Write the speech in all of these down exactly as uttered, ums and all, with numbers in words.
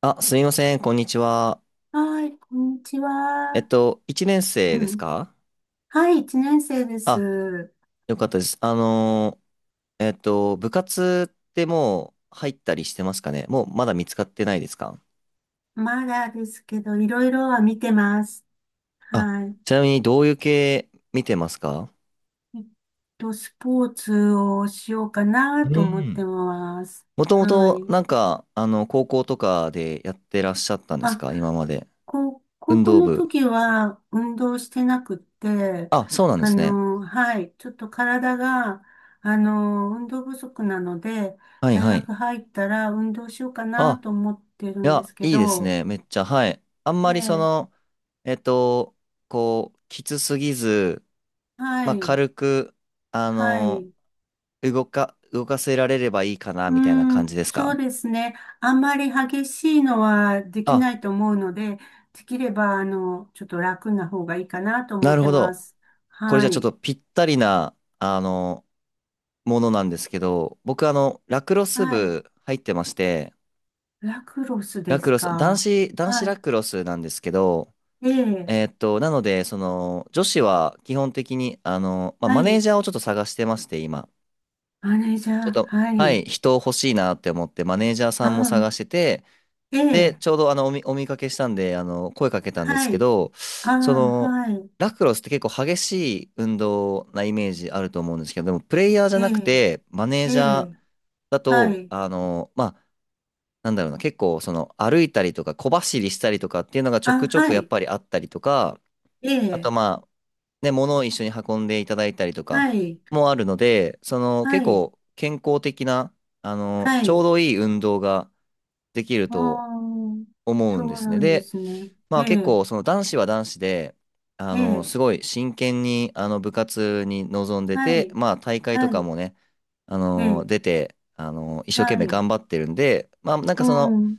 あ、すみません、こんにちは。はい、こんにちえっは。と、いちねん生うですん、か？はい、一年生であ、す。よかったです。あのー、えっと、部活ってもう入ったりしてますかね？もうまだ見つかってないですか？まだですけど、いろいろは見てます。あ、はい。ちなみにどういう系見てますか？えっと、スポーツをしようかなうと思ってん。ます。もともはとい。なんか、あの、高校とかでやってらっしゃったんですあ、か今まで。こう高運校動の部。時は運動してなくって、あ、そうなんであすね。の、はい、ちょっと体が、あの、運動不足なので、はい大はい。学入ったら運動しようかなあ、と思ってるいんでや、すけいいですど、ね。めっちゃ、はい。あんまりそええ、の、えっと、こう、きつすぎず、はまあ、い。軽く、あはの、い。動か、動かせられればいいかな、うみたいなー感ん、じですそうか？ですね。あんまり激しいのはできあ、ないと思うので、できれば、あの、ちょっと楽な方がいいかなとな思っるてほまど。す。これじはゃあちょっい。とぴったりな、あの、ものなんですけど、僕、あの、ラクロスはい。部入ってまして、ラクロスラでクすロス、男か。子、男子ラはクロスなんですけど、い。ええ。えーっと、なので、その、女子は基本的に、あの、まあ、はマネーい。ジャーをちょっと探してまして、今。マネージャちょっー。と、ははい。い、人欲しいなって思って、マネージャーあさんも探しあ。てて、えで、え。ちょうどあのお見、お見かけしたんで、あの、声かけたんですはけい。ど、あそあ、の、はい。ラクロスって結構激しい運動なイメージあると思うんですけど、でもプレイヤーじゃえなくえ。て、マネーえジャーえ。だはと、い。あの、まあ、なんだろうな、結構その歩いたりとか小走りしたりとかっていうのがちょくあ、ちょくはやっい。ぱりあったりとか、えあとえ。まあ、ね、物を一緒に運んでいただいたりとかはい。もあるので、そのは結い。構健康的な、あの、はちょうい。どいい運動ができるあと、あ、思うそんでうすね。なんでで、すね。まえあ結え、構その男子は男子で、あえの、え、すごい真剣にあの部活に臨んではて、い、まあ大会とはかい、もね、あえの、え、出て、あの、一生懸は命い、頑張ってるんで、まあなんかうその、ん、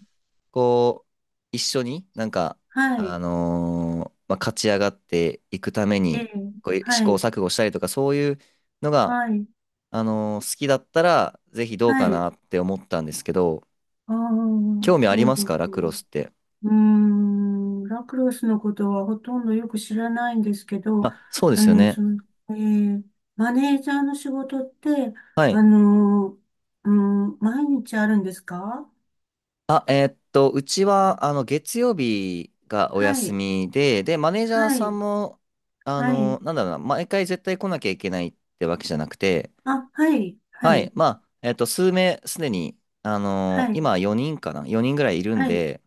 こう、一緒になんか、はい、あのまあ、勝ち上がっていくためええ、に、こう試は行い、錯誤したりとか、そういうのが、はい、あの好きだったら、ぜひどうはかい。なって思ったんですけど、ああ、興味あそりうまですかラすクロね。スって？うーん、ラクロスのことはほとんどよく知らないんですけど、まあ、そうであすよの、そね。の、ええ、マネージャーの仕事って、はあい。の、うん、毎日あるんですか？あ、えーっと、うちは、あの、月曜日がおは休い、みで、で、マネージャーはさい、んも、あはの、い。なんだろうな、毎回絶対来なきゃいけないってわけじゃなくて、あ、はい、ははい。い。まあ、えーっと、数名、すでに、あの、はい、今よにんかな？ よ 人ぐらいいるんはい。で、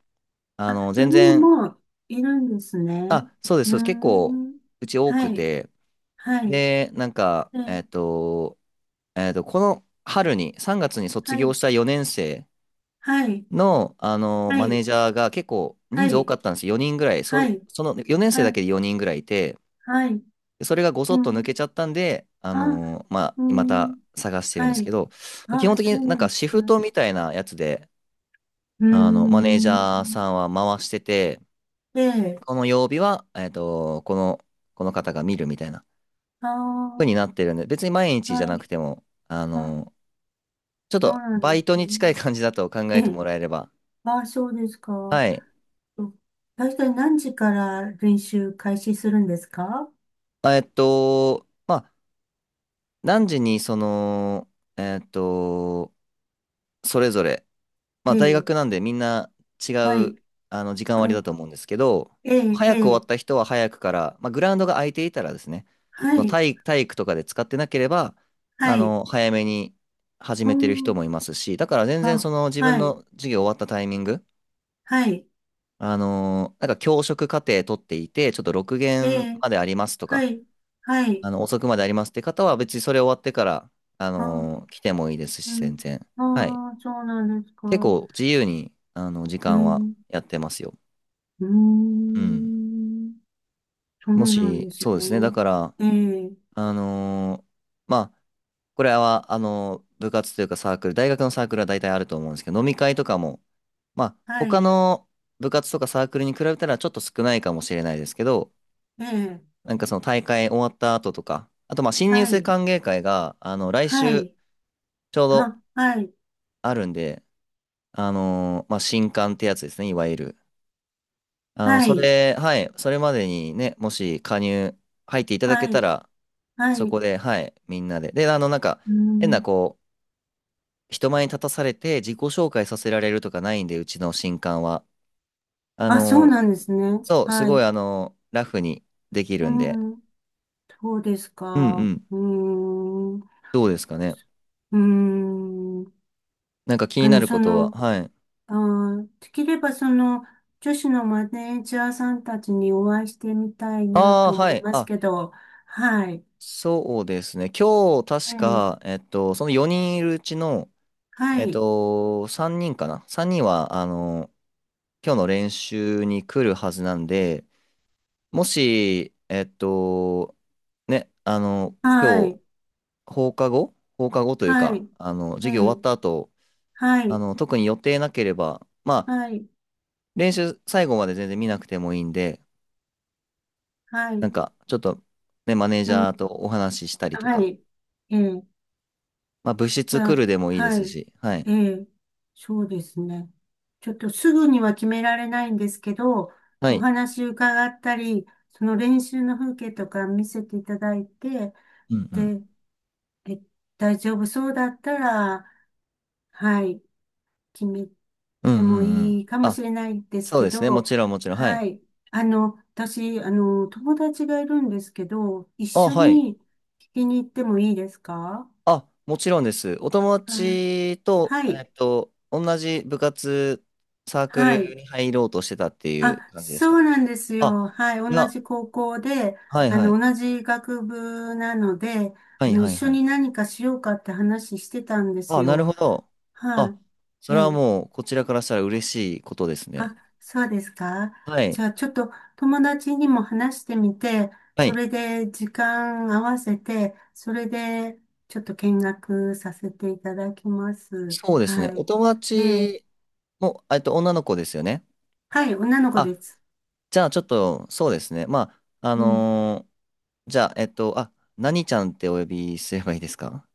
あの、全よにん然、もいるんですね。あ、そうです、うーそうです。結構、ん。うち多くはい、て、はい。で、なんか、え、えーっと、えーっと、この春に、さんがつに卒は業い、したよねん生はい、の、あの、はマネーい、ジャーが結構は人数多い、かったんですよ。よにんぐらい。はそ、い、そのよねん生だはけい、でよにんぐらいいて、はい。でそれがごうそっと抜けん。ちゃったんで、ああ、のーまあ、うまたん。探してるんではすけい。ど、基あ、本的そうにななんんかでシすね。フトみたいなやつで、うーあの、マネージん。ャーさんは回してて、で、この曜日は、えっと、この、この方が見るみたいなあ風ー、になってるんで、別に毎日じゃはなくい。ても、ああ、のーちょっそうとなんでバイトすにね。近い感じだと考ええてえ、もらえれば、あ、そうですか。はい。大体何時から練習開始するんですか？えっと、まあ何時にその、えーっと、それぞれ、まえあ大え、学なんでみんな違はい。う、あの、時間割あ、だと思うんですけど、ええ、え早く終わっえ、た人は早くから、まあグラウンドが空いていたらですね、あはのい、体、体育とかで使ってなければ、あはい、の、早めに始うめてる人ん、もいますし、だから全然あ、その自分はい、の授業終わったタイミング、はい、あの、なんか教職課程取っていて、ちょっとろくえ限え、までありますとはか、い、はい、あの、遅くまでありますって方は、別にそれ終わってから、ああ、のー来てもいいですうし、全ん、然。はい。ああ、そうなんですか。結構自由に、あの、時ええ、間はうやってますよ。ーうん。ん、そうもなんし、ですそうですね。だね。から、ええ、あのーまあ、これは、あのー部活というかサークル、大学のサークルは大体あると思うんですけど、飲み会とかも、まあ、は他い、の部活とかサークルに比べたらちょっと少ないかもしれないですけど、ええ、なんかその大会終わった後とか、あとまあ新入は生い、歓迎会が、あの、来は週い、ちょうどあ、はい、あるんで、あのーまあ、新刊ってやつですね、いわゆる。あの、はそい、れ、はい、それまでにね、もし加入入っていただけはたい、ら、はそい、こで、はい、みんなで。で、あの、なんか、う変な、ん、こう、人前に立たされて自己紹介させられるとかないんで、うちの新刊は。ああ、そうのなんですね。そう、すはごい、い、あのラフにできうるんで。ん、そうですうんうか。ん。うーん、どうですかね。うーん。なんか気にあなの、るそことは、の、はい。あー、できればその、女子のマネージャーさんたちにお会いしてみたいなああ、と思はいい。ますあ、けど、はい。そうですね。今日、え確え、か、えっと、そのよにんいるうちの、はえっい。と、さんにんかな？ さん 人は、あの、今日の練習に来るはずなんで、もし、えっと、ね、あの、は今日、い。放課後放課後というはか、い。あの、え授業終わっえ、た後、はあい。の、特に予定なければ、まあ、はい。練習最後まで全然見なくてもいいんで、はなんい。か、ちょっと、ね、マネージうん。ャーとお話ししたりとはか、い。ええ、まあ、部じ室ゃ来るあ、でもいいではすい。し、はい。ええ、そうですね。ちょっとすぐには決められないんですけど、はおい。話伺ったり、その練習の風景とか見せていただいて、うんうん。で、え、大丈夫そうだったら、はい、決めうんてもうんうん。いいかもあ、しれないですそうけですね。もど、ちろんもちろん。ははい。い。あの、私、あの、友達がいるんですけど、一あ、緒はい。に聞きに行ってもいいですか？あ、もちろんです。お友あ、達と、はえい、っと、同じ部活、サークはルい。に入ろうとしてたっていうあ、感じですそか？うなんですあ、よ。はい。い同や、じ高校で、はいあはい。の、同じ学部なので、はあいの、は一い緒はい。に何かしようかって話してたんですあ、なるほよ。ど。はあ、そい。えれはえ。もう、こちらからしたら嬉しいことですね。あ、そうですか。はじい。ゃあ、ちょっと友達にも話してみて、はそい。れで時間合わせて、それでちょっと見学させていただきます。そうですね。はおい。友え達え。も、えっと、女の子ですよね。はい。女の子あ、です。じゃあちょっと、そうですね。まあ、あうん。のーじゃあ、えっと、あ、何ちゃんってお呼びすればいいですか？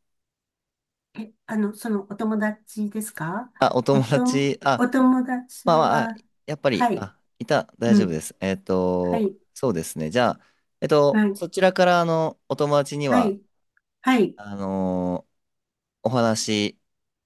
え、あの、そのお友達ですか？あ、おお友と、達、あ、お友達まあまあ、あは、やっぱり、はい、あ、いた、大う丈夫ん、です。えっはと、い、そうですね。じゃあ、えっと、はい、そちらから、あの、お友達にはは、い、はい、あのーお話、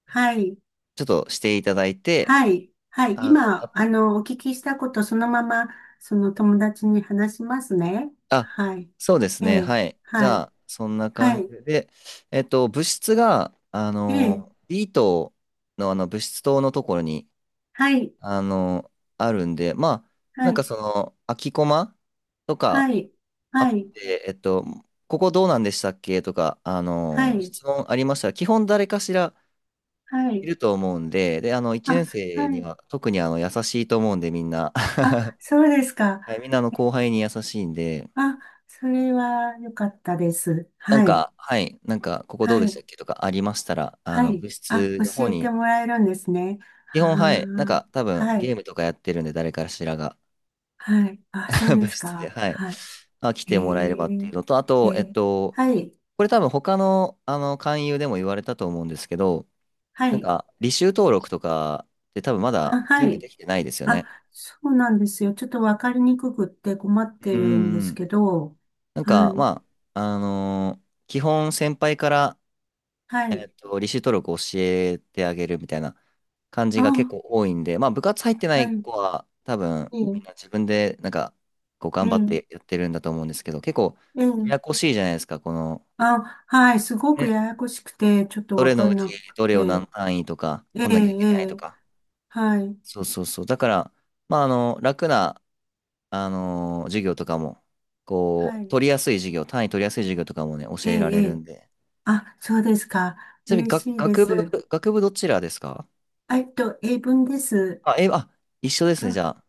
はい、ちょっとしていただいて、はい、はい、あの、今、あ、あの、お聞きしたことそのまま、その友達に話しますね。あ、はい、そうですえね。え、はい。じはゃい、あ、そんなは感い、じで、えっと、物質が、あええ、のー、B 棟の、あの、物質棟のところに、はい、あのーあるんで、まあ、はなんかい、その、空きコマとか、はい、あはっい、て、えっと、ここどうなんでしたっけとか、あはの、い、質問ありましたら、基本誰かしらはいい、ると思うんで、で、あの、1あ、年生はにい、は特にあの、優しいと思うんで、みんな。あ、そうですか。はい、みんなあの後輩に優しいんで、あ、それは良かったです。なんはい。か、はい、なんか、ここどうはでしたい、っけとかありましたら、あはの、い。部あ、室の方教えてに、もらえるんですね。基は、本、はい、なんか、多あ、分、はゲい、ームとかやってるんで、誰かしらが、はい。あ、そう 部です室で、か。はい、はまあ、来い。てもらえればっえていうのと、あー、えと、えっえ、と、はい、これ多分、他の、あの、勧誘でも言われたと思うんですけど、はなんい。か、履修登録とかって多分まだあ、は全部い。できてないですよあ、ね。そうなんですよ。ちょっとわかりにくくって困ってうんうるんでんうすん。けど、なんはか、い、まあ、あのー基本先輩から、はえい。っと、履修登録を教えてあげるみたいな感じが結あ、構多いんで、まあ、部活入ってなはいい。子は多分えみえ、んな自分でなんか、こうえ頑張っえ、てやってるんだと思うんですけど、結構えやえ。やこしいじゃないですか、この、あ、はい。すごくね、ややこしくて、ちょっとどわれかのうんちなくどれを何て。単位とかええ、取んえなきゃいけないとえ、か。はい、そうそうそう。だから、まあ、あの、楽な、あのー授業とかも、こはう、い。取りやすい授業、単位取りやすい授業とかもね、え教えられえ、えるえ。んで。あ、そうですか。ちなみに、嬉し学いで学部、す。学部どちらですか？あ、えっと、英文です。あ、英あ、一緒ですね、じあ、ゃ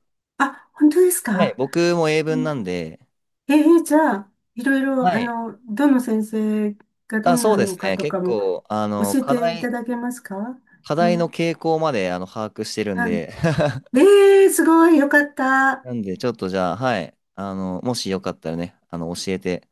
あ、本当ですあ。はい、か。僕も英う文なん、んで、えー、じゃあ、いろいろ、はあい。の、どの先生がどあ、んそうなでのすかね、とか結も構、あの、教え課ていた題、だけますか？課あ、題の傾向まで、あの、把握してるんはい。で、え ー、すごい、よかった。なんで、ちょっとじゃあ、はい、あの、もしよかったらね、あの、教えて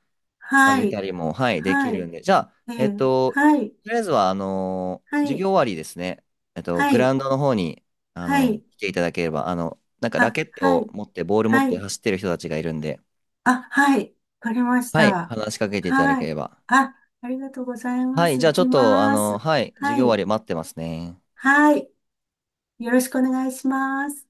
あはげい、たりも、はい、できはるんい、で。じゃあ、ええっー、と、はい、とりあえずは、あのはー、授い、業終わりですね。えっと、はグラウい、ンドの方に、あはの、い、来ていただければ、あの、なんかラあ、ケットはをい、持って、ボール持っはてい。走ってる人たちがいるんで、あ、はい。わかりましはい、た。話しかけていただはけい。れば。あ、ありがとうございまはい、す。じゃ行あちょきっと、あまの、す。はい、授は業終わい。り待ってますね。はい。よろしくお願いします。